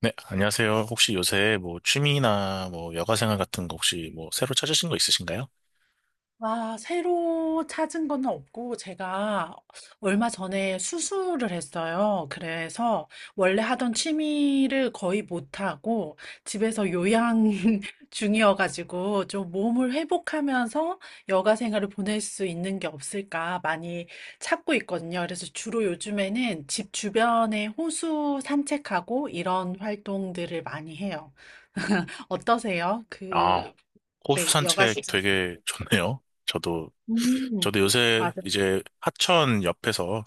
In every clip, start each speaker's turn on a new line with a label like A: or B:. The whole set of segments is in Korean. A: 네, 안녕하세요. 혹시 요새 뭐 취미나 뭐 여가 생활 같은 거 혹시 뭐 새로 찾으신 거 있으신가요?
B: 아, 새로 찾은 건 없고, 제가 얼마 전에 수술을 했어요. 그래서 원래 하던 취미를 거의 못하고, 집에서 요양 중이어가지고, 좀 몸을 회복하면서 여가 생활을 보낼 수 있는 게 없을까 많이 찾고 있거든요. 그래서 주로 요즘에는 집 주변에 호수 산책하고 이런 활동들을 많이 해요. 어떠세요?
A: 아,
B: 그,
A: 호수
B: 네, 여가
A: 산책
B: 시즌.
A: 되게 좋네요. 저도
B: 음,
A: 저도 요새
B: 맞아요.
A: 이제 하천 옆에서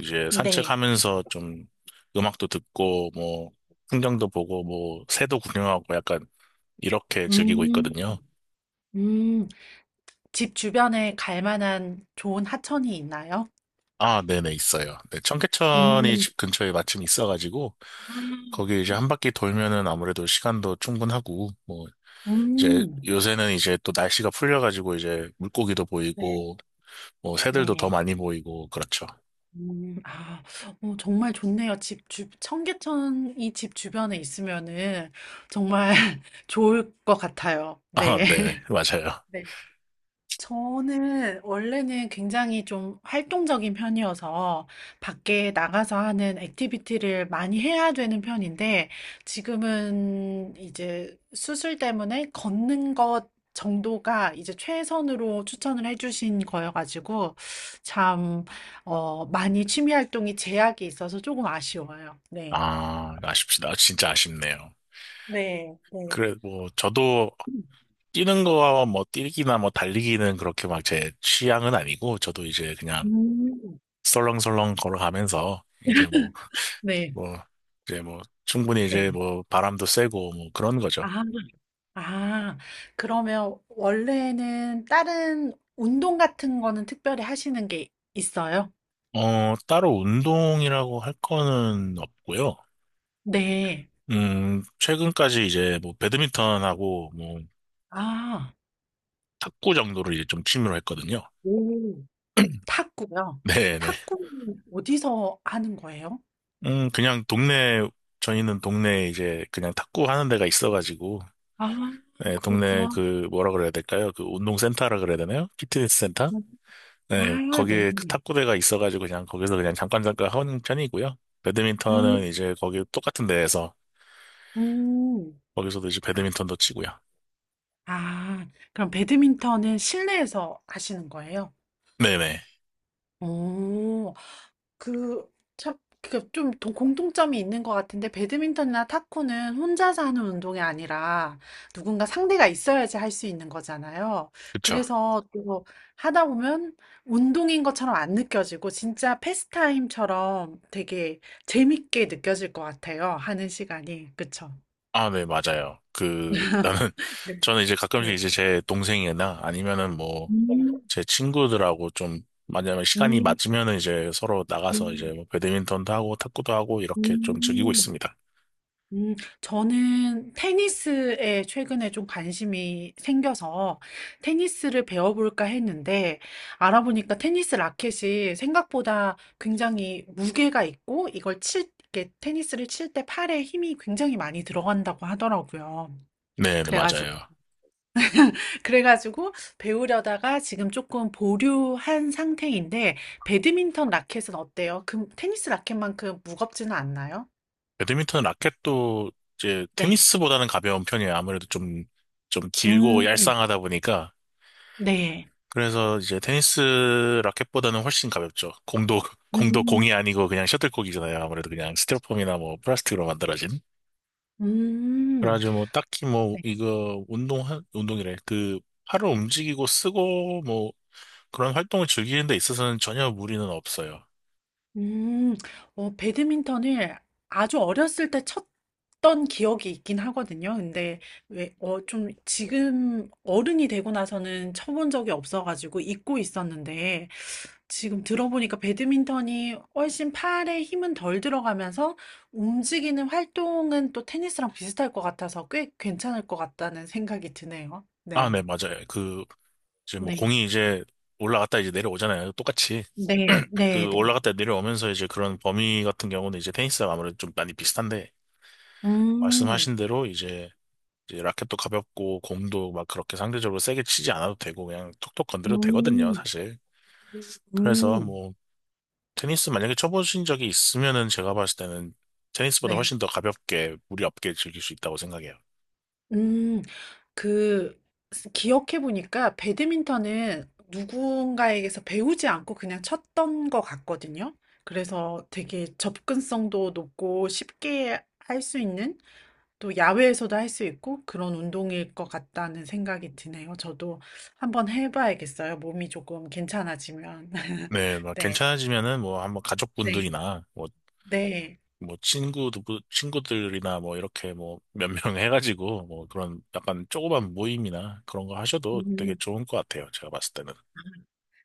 A: 이제
B: 네.
A: 산책하면서 좀 음악도 듣고 뭐 풍경도 보고 뭐 새도 구경하고 약간 이렇게 즐기고
B: 음,
A: 있거든요.
B: 음. 집 주변에 갈 만한 좋은 하천이 있나요?
A: 아, 네네, 있어요. 네, 청계천이
B: 음,
A: 집 근처에 마침 있어가지고
B: 음,
A: 거기 이제 한 바퀴 돌면은 아무래도 시간도 충분하고 뭐 이제
B: 음.
A: 요새는 이제 또 날씨가 풀려가지고 이제 물고기도
B: 네,
A: 보이고 뭐 새들도 더
B: 네.
A: 많이 보이고 그렇죠.
B: 아, 어, 정말 좋네요. 청계천이 집 주변에 있으면은 정말 좋을 것 같아요.
A: 아,
B: 네.
A: 네, 맞아요.
B: 네. 저는 원래는 굉장히 좀 활동적인 편이어서 밖에 나가서 하는 액티비티를 많이 해야 되는 편인데 지금은 이제 수술 때문에 걷는 것 정도가 이제 최선으로 추천을 해주신 거여가지고 참, 어, 많이 취미 활동이 제약이 있어서 조금 아쉬워요. 네.
A: 아, 아쉽시다. 진짜 아쉽네요.
B: 네, 네.
A: 그래, 뭐, 저도 뛰는 거와 뭐, 뛰기나 뭐, 달리기는 그렇게 막 제 취향은 아니고, 저도 이제 그냥
B: 음.
A: 설렁설렁 걸어가면서, 이제 뭐,
B: 네,
A: 뭐, 이제 뭐, 충분히 이제
B: 네.
A: 뭐, 바람도 쐬고, 뭐, 그런 거죠.
B: 아, 그러면 원래는 다른 운동 같은 거는 특별히 하시는 게 있어요?
A: 어, 따로 운동이라고 할 거는 없고요.
B: 네.
A: 최근까지 이제 뭐, 배드민턴하고 뭐,
B: 아,
A: 탁구 정도를 이제 좀 취미로 했거든요.
B: 오, 탁구요.
A: 네네.
B: 탁구는 어디서 하는 거예요?
A: 음, 그냥 동네, 저희는 동네에 이제 그냥 탁구 하는 데가 있어가지고,
B: 아,
A: 네, 동네
B: 그렇구나.
A: 그 뭐라 그래야 될까요? 그 운동센터라 그래야 되나요? 피트니스 센터?
B: 아,
A: 네,
B: 네.
A: 거기에 그 탁구대가 있어가지고 그냥 거기서 그냥 잠깐 잠깐 하는 편이고요. 배드민턴은
B: 음,
A: 이제 거기 똑같은 데에서
B: 음.
A: 거기서도 이제
B: 아,
A: 배드민턴도 치고요.
B: 아, 그럼 배드민턴은 실내에서 하시는 거예요?
A: 네네,
B: 오, 그, 참, 그, 좀 공통점이 있는 것 같은데, 배드민턴이나 탁구는 혼자서 하는 운동이 아니라 누군가 상대가 있어야지 할 수 있는 거잖아요.
A: 그쵸.
B: 그래서 또 하다 보면 운동인 것처럼 안 느껴지고, 진짜 패스타임처럼 되게 재밌게 느껴질 것 같아요. 하는 시간이. 그쵸?
A: 아, 네, 맞아요. 그 나는
B: 네.
A: 저는 이제 가끔씩
B: 네.
A: 이제 제 동생이나 아니면은 뭐
B: 음,
A: 제 친구들하고 좀 만약에 시간이
B: 음,
A: 맞으면은 이제 서로 나가서 이제
B: 음,
A: 뭐 배드민턴도 하고 탁구도 하고 이렇게 좀 즐기고
B: 음.
A: 있습니다.
B: 음, 저는 테니스에 최근에 좀 관심이 생겨서 테니스를 배워볼까 했는데 알아보니까 테니스 라켓이 생각보다 굉장히 무게가 있고 이렇게 테니스를 칠 때 팔에 힘이 굉장히 많이 들어간다고 하더라고요.
A: 네, 네,
B: 그래가지고,
A: 맞아요.
B: 그래가지고 배우려다가 지금 조금 보류한 상태인데 배드민턴 라켓은 어때요? 그 테니스 라켓만큼 무겁지는 않나요?
A: 배드민턴 라켓도 이제
B: 네.
A: 테니스보다는 가벼운 편이에요. 아무래도 좀 길고
B: 음,
A: 얄쌍하다 보니까.
B: 네.
A: 그래서 이제 테니스 라켓보다는 훨씬 가볍죠. 공도, 공도
B: 음.
A: 공이 아니고 그냥 셔틀콕이잖아요. 아무래도 그냥 스티로폼이나 뭐 플라스틱으로 만들어진.
B: 음.
A: 그래가지고 뭐 딱히 뭐
B: 네.
A: 이거 운동이래. 그 팔을 움직이고 쓰고 뭐 그런 활동을 즐기는 데 있어서는 전혀 무리는 없어요.
B: 음. 어 배드민턴을 아주 어렸을 때 쳤던 기억이 있긴 하거든요. 근데 왜 어 좀 지금 어른이 되고 나서는 쳐본 적이 없어 가지고 잊고 있었는데 지금 들어보니까 배드민턴이 훨씬 팔에 힘은 덜 들어가면서 움직이는 활동은 또 테니스랑 비슷할 것 같아서 꽤 괜찮을 것 같다는 생각이 드네요.
A: 아,
B: 네.
A: 네, 맞아요. 이제 뭐
B: 네.
A: 공이 이제 올라갔다 이제 내려오잖아요. 똑같이.
B: 네. 네. 네.
A: 그 올라갔다 내려오면서 이제 그런 범위 같은 경우는 이제 테니스랑 아무래도 좀 많이 비슷한데,
B: 음.
A: 말씀하신 대로 이제, 이제 라켓도 가볍고 공도 막 그렇게 상대적으로 세게 치지 않아도 되고 그냥 톡톡 건드려도 되거든요,
B: 음.
A: 사실. 그래서
B: 음.
A: 뭐 테니스 만약에 쳐보신 적이 있으면은 제가 봤을 때는 테니스보다
B: 네.
A: 훨씬 더 가볍게 무리 없게 즐길 수 있다고 생각해요.
B: 음. 그 기억해 보니까 배드민턴은 누군가에게서 배우지 않고 그냥 쳤던 것 같거든요. 그래서 되게 접근성도 높고 쉽게 할 수 있는 또 야외에서도 할 수 있고 그런 운동일 것 같다는 생각이 드네요. 저도 한번 해봐야겠어요. 몸이 조금 괜찮아지면.
A: 네, 막
B: 네.
A: 괜찮아지면은 뭐 한번
B: 네.
A: 가족분들이나 뭐,
B: 네.
A: 뭐 친구들, 친구들이나 뭐 이렇게 뭐 몇 명 해가지고 뭐 그런 약간 조그만 모임이나 그런 거 하셔도 되게
B: 음.
A: 좋은 것 같아요. 제가 봤을 때는.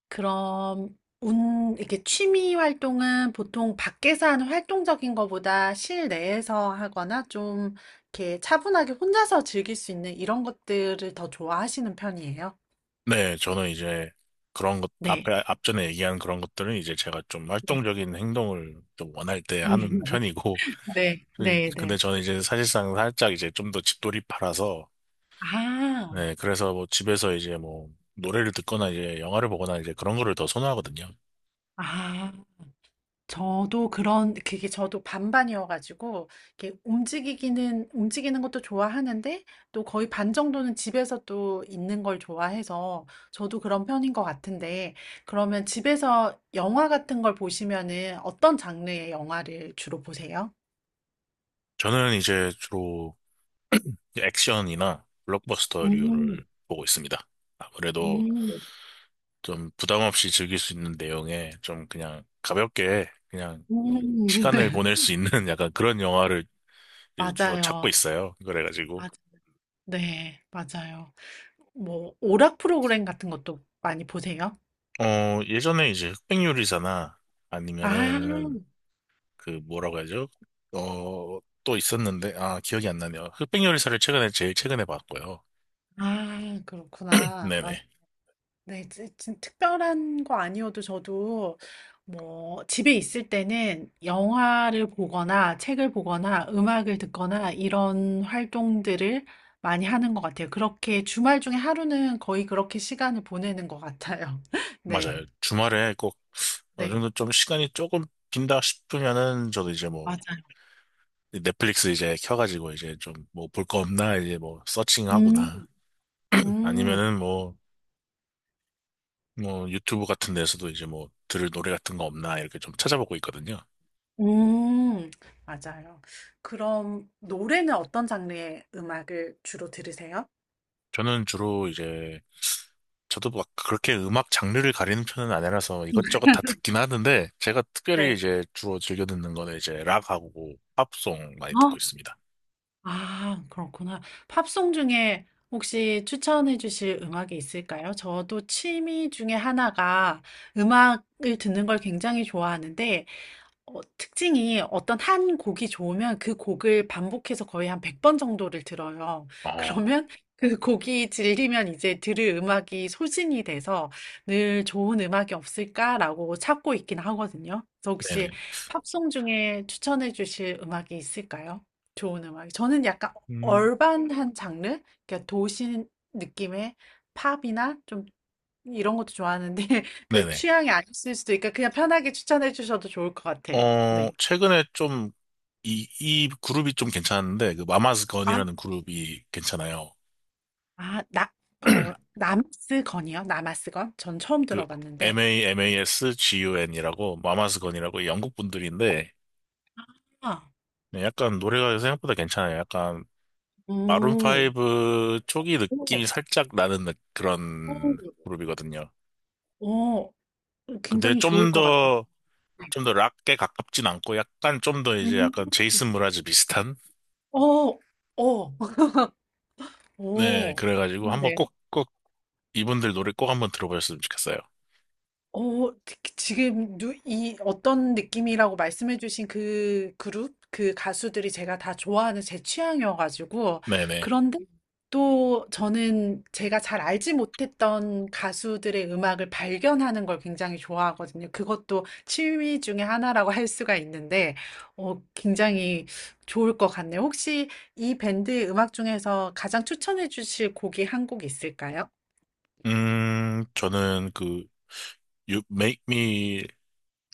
B: 그럼 운 이렇게 취미 활동은 보통 밖에서 하는 활동적인 것보다 실내에서 하거나 좀 이렇게 차분하게 혼자서 즐길 수 있는 이런 것들을 더 좋아하시는 편이에요?
A: 네, 저는 이제 그런 것,
B: 네,
A: 앞전에 얘기한 그런 것들은 이제 제가 좀
B: 네.
A: 활동적인 행동을 좀 원할 때 하는 편이고,
B: 네,
A: 근데
B: 네,
A: 근데
B: 네.
A: 저는 이제 사실상 살짝 이제 좀 더 집돌이파라서,
B: 아,
A: 네, 그래서 뭐 집에서 이제 뭐 노래를 듣거나 이제 영화를 보거나 이제 그런 거를 더 선호하거든요.
B: 아. 저도 그런 그게 저도 반반이어 가지고 이렇게 움직이기는 움직이는 것도 좋아하는데 또 거의 반 정도는 집에서 또 있는 걸 좋아해서 저도 그런 편인 것 같은데 그러면 집에서 영화 같은 걸 보시면은 어떤 장르의 영화를 주로 보세요?
A: 저는 이제 주로 액션이나 블록버스터류를
B: 음,
A: 보고 있습니다. 아무래도
B: 음,
A: 좀 부담 없이 즐길 수 있는 내용에 좀 그냥 가볍게 그냥
B: 음.
A: 시간을 보낼 수 있는 약간 그런 영화를 이제 주로 찾고
B: 맞아요.
A: 있어요. 그래가지고
B: 맞아요. 네, 맞아요. 뭐 오락 프로그램 같은 것도 많이 보세요?
A: 예전에 이제 흑백요리사나
B: 아,
A: 아니면은 그 뭐라고 하죠? 어 또 있었는데 아 기억이 안 나네요. 흑백요리사를 최근에 제일 최근에 봤고요.
B: 아, 그렇구나.
A: 네네
B: 네. 지 진 특별한 거 아니어도 저도 뭐 집에 있을 때는 영화를 보거나 책을 보거나 음악을 듣거나 이런 활동들을 많이 하는 것 같아요. 그렇게 주말 중에 하루는 거의 그렇게 시간을 보내는 것 같아요. 네.
A: 맞아요. 주말에 꼭 어느
B: 네.
A: 정도 좀 시간이 조금 빈다 싶으면은 저도 이제 뭐
B: 맞아요.
A: 넷플릭스 이제 켜가지고 이제 좀 뭐 볼 거 없나 이제 뭐
B: 음.
A: 서칭하거나
B: 음.
A: 아니면은 뭐 유튜브 같은 데서도 이제 뭐 들을 노래 같은 거 없나 이렇게 좀 찾아보고 있거든요.
B: 음. 맞아요. 그럼 노래는 어떤 장르의 음악을 주로 들으세요?
A: 저는 주로 이제 저도 막 그렇게 음악 장르를 가리는 편은 아니라서 이것저것 다 듣긴 하는데 제가 특별히
B: 네.
A: 이제 주로 즐겨 듣는 거는 이제 락하고 팝송 많이 듣고 있습니다.
B: 아 그렇구나. 팝송 중에 혹시 추천해 주실 음악이 있을까요? 저도 취미 중에 하나가 음악을 듣는 걸 굉장히 좋아하는데 어 특징이 어떤 한 곡이 좋으면 그 곡을 반복해서 거의 한 100번 정도를 들어요.
A: 어,
B: 그러면 그 곡이 질리면 이제 들을 음악이 소진이 돼서 '늘 좋은 음악이 없을까?'라고 찾고 있긴 하거든요. 그래서
A: 네네.
B: 혹시 팝송 중에 추천해 주실 음악이 있을까요? 좋은 음악. 저는 약간
A: 음,
B: 얼반한 장르? 그러니까 도시 느낌의 팝이나 좀 이런 것도 좋아하는데 그
A: 네네.
B: 취향이 아니실 수도 있으니까 그냥 편하게 추천해 주셔도 좋을 것 같아요.
A: 어,
B: 네.
A: 최근에 좀, 이 그룹이 좀 괜찮은데,
B: 아,
A: 마마스건이라는 그룹이 괜찮아요.
B: 아, 나, 어, 남스건이요? 남아스건? 전 처음
A: 그,
B: 들어봤는데.
A: MAMASGUN이라고, 마마스건이라고 영국 분들인데,
B: 아,
A: 네, 약간 노래가 생각보다 괜찮아요. 약간, 마룬
B: 오,
A: 브 초기
B: 오,
A: 느낌이 살짝 나는
B: 오,
A: 그런 그룹이거든요.
B: 오,
A: 근데
B: 굉장히 좋을 것 같아요.
A: 좀 더 락에 가깝진 않고, 약간 좀 더 이제
B: 음,
A: 약간 제이슨 무라즈 비슷한?
B: 어, 어,
A: 네,
B: 오,
A: 그래가지고 한번
B: 좋은데요?
A: 꼭, 이분들 노래 꼭 한번 들어보셨으면 좋겠어요.
B: 어, 지금 이 어떤 느낌이라고 말씀해주신 그 그룹, 그 가수들이 제가 다 좋아하는 제 취향이어가지고
A: 네네.
B: 그런데 또 저는 제가 잘 알지 못했던 가수들의 음악을 발견하는 걸 굉장히 좋아하거든요. 그것도 취미 중에 하나라고 할 수가 있는데 어, 굉장히 좋을 것 같네요. 혹시 이 밴드의 음악 중에서 가장 추천해 주실 곡이 한 곡 있을까요?
A: 저는 그 You Make Me,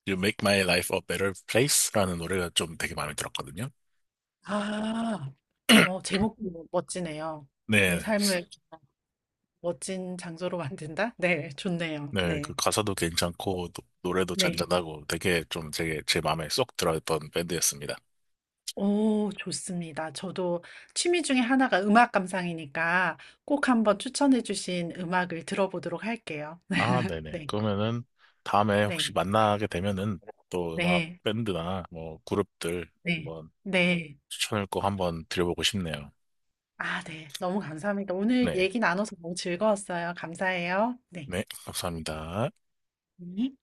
A: You Make My Life a Better Place라는 노래가 좀 되게 마음에 들었거든요.
B: 아, 어, 제목도 뭐 멋지네요. 내
A: 네,
B: 삶을 멋진 장소로 만든다? 네, 좋네요.
A: 네, 그
B: 네.
A: 가사도 괜찮고 노래도
B: 네.
A: 잔잔하고 되게 좀 되게 제 마음에 쏙 들어있던 밴드였습니다.
B: 오, 좋습니다. 저도 취미 중에 하나가 음악 감상이니까 꼭 한번 추천해 주신 음악을 들어보도록 할게요.
A: 아, 네네.
B: 네,
A: 그러면은 다음에 혹시
B: 네,
A: 만나게 되면은 또 음악
B: 네,
A: 밴드나 뭐 그룹들
B: 네,
A: 한번
B: 네.
A: 추천을 꼭 한번 드려보고 싶네요.
B: 아, 네. 너무 감사합니다. 오늘
A: 네.
B: 얘기 나눠서 너무 즐거웠어요. 감사해요. 네.
A: 네, 감사합니다.
B: 네.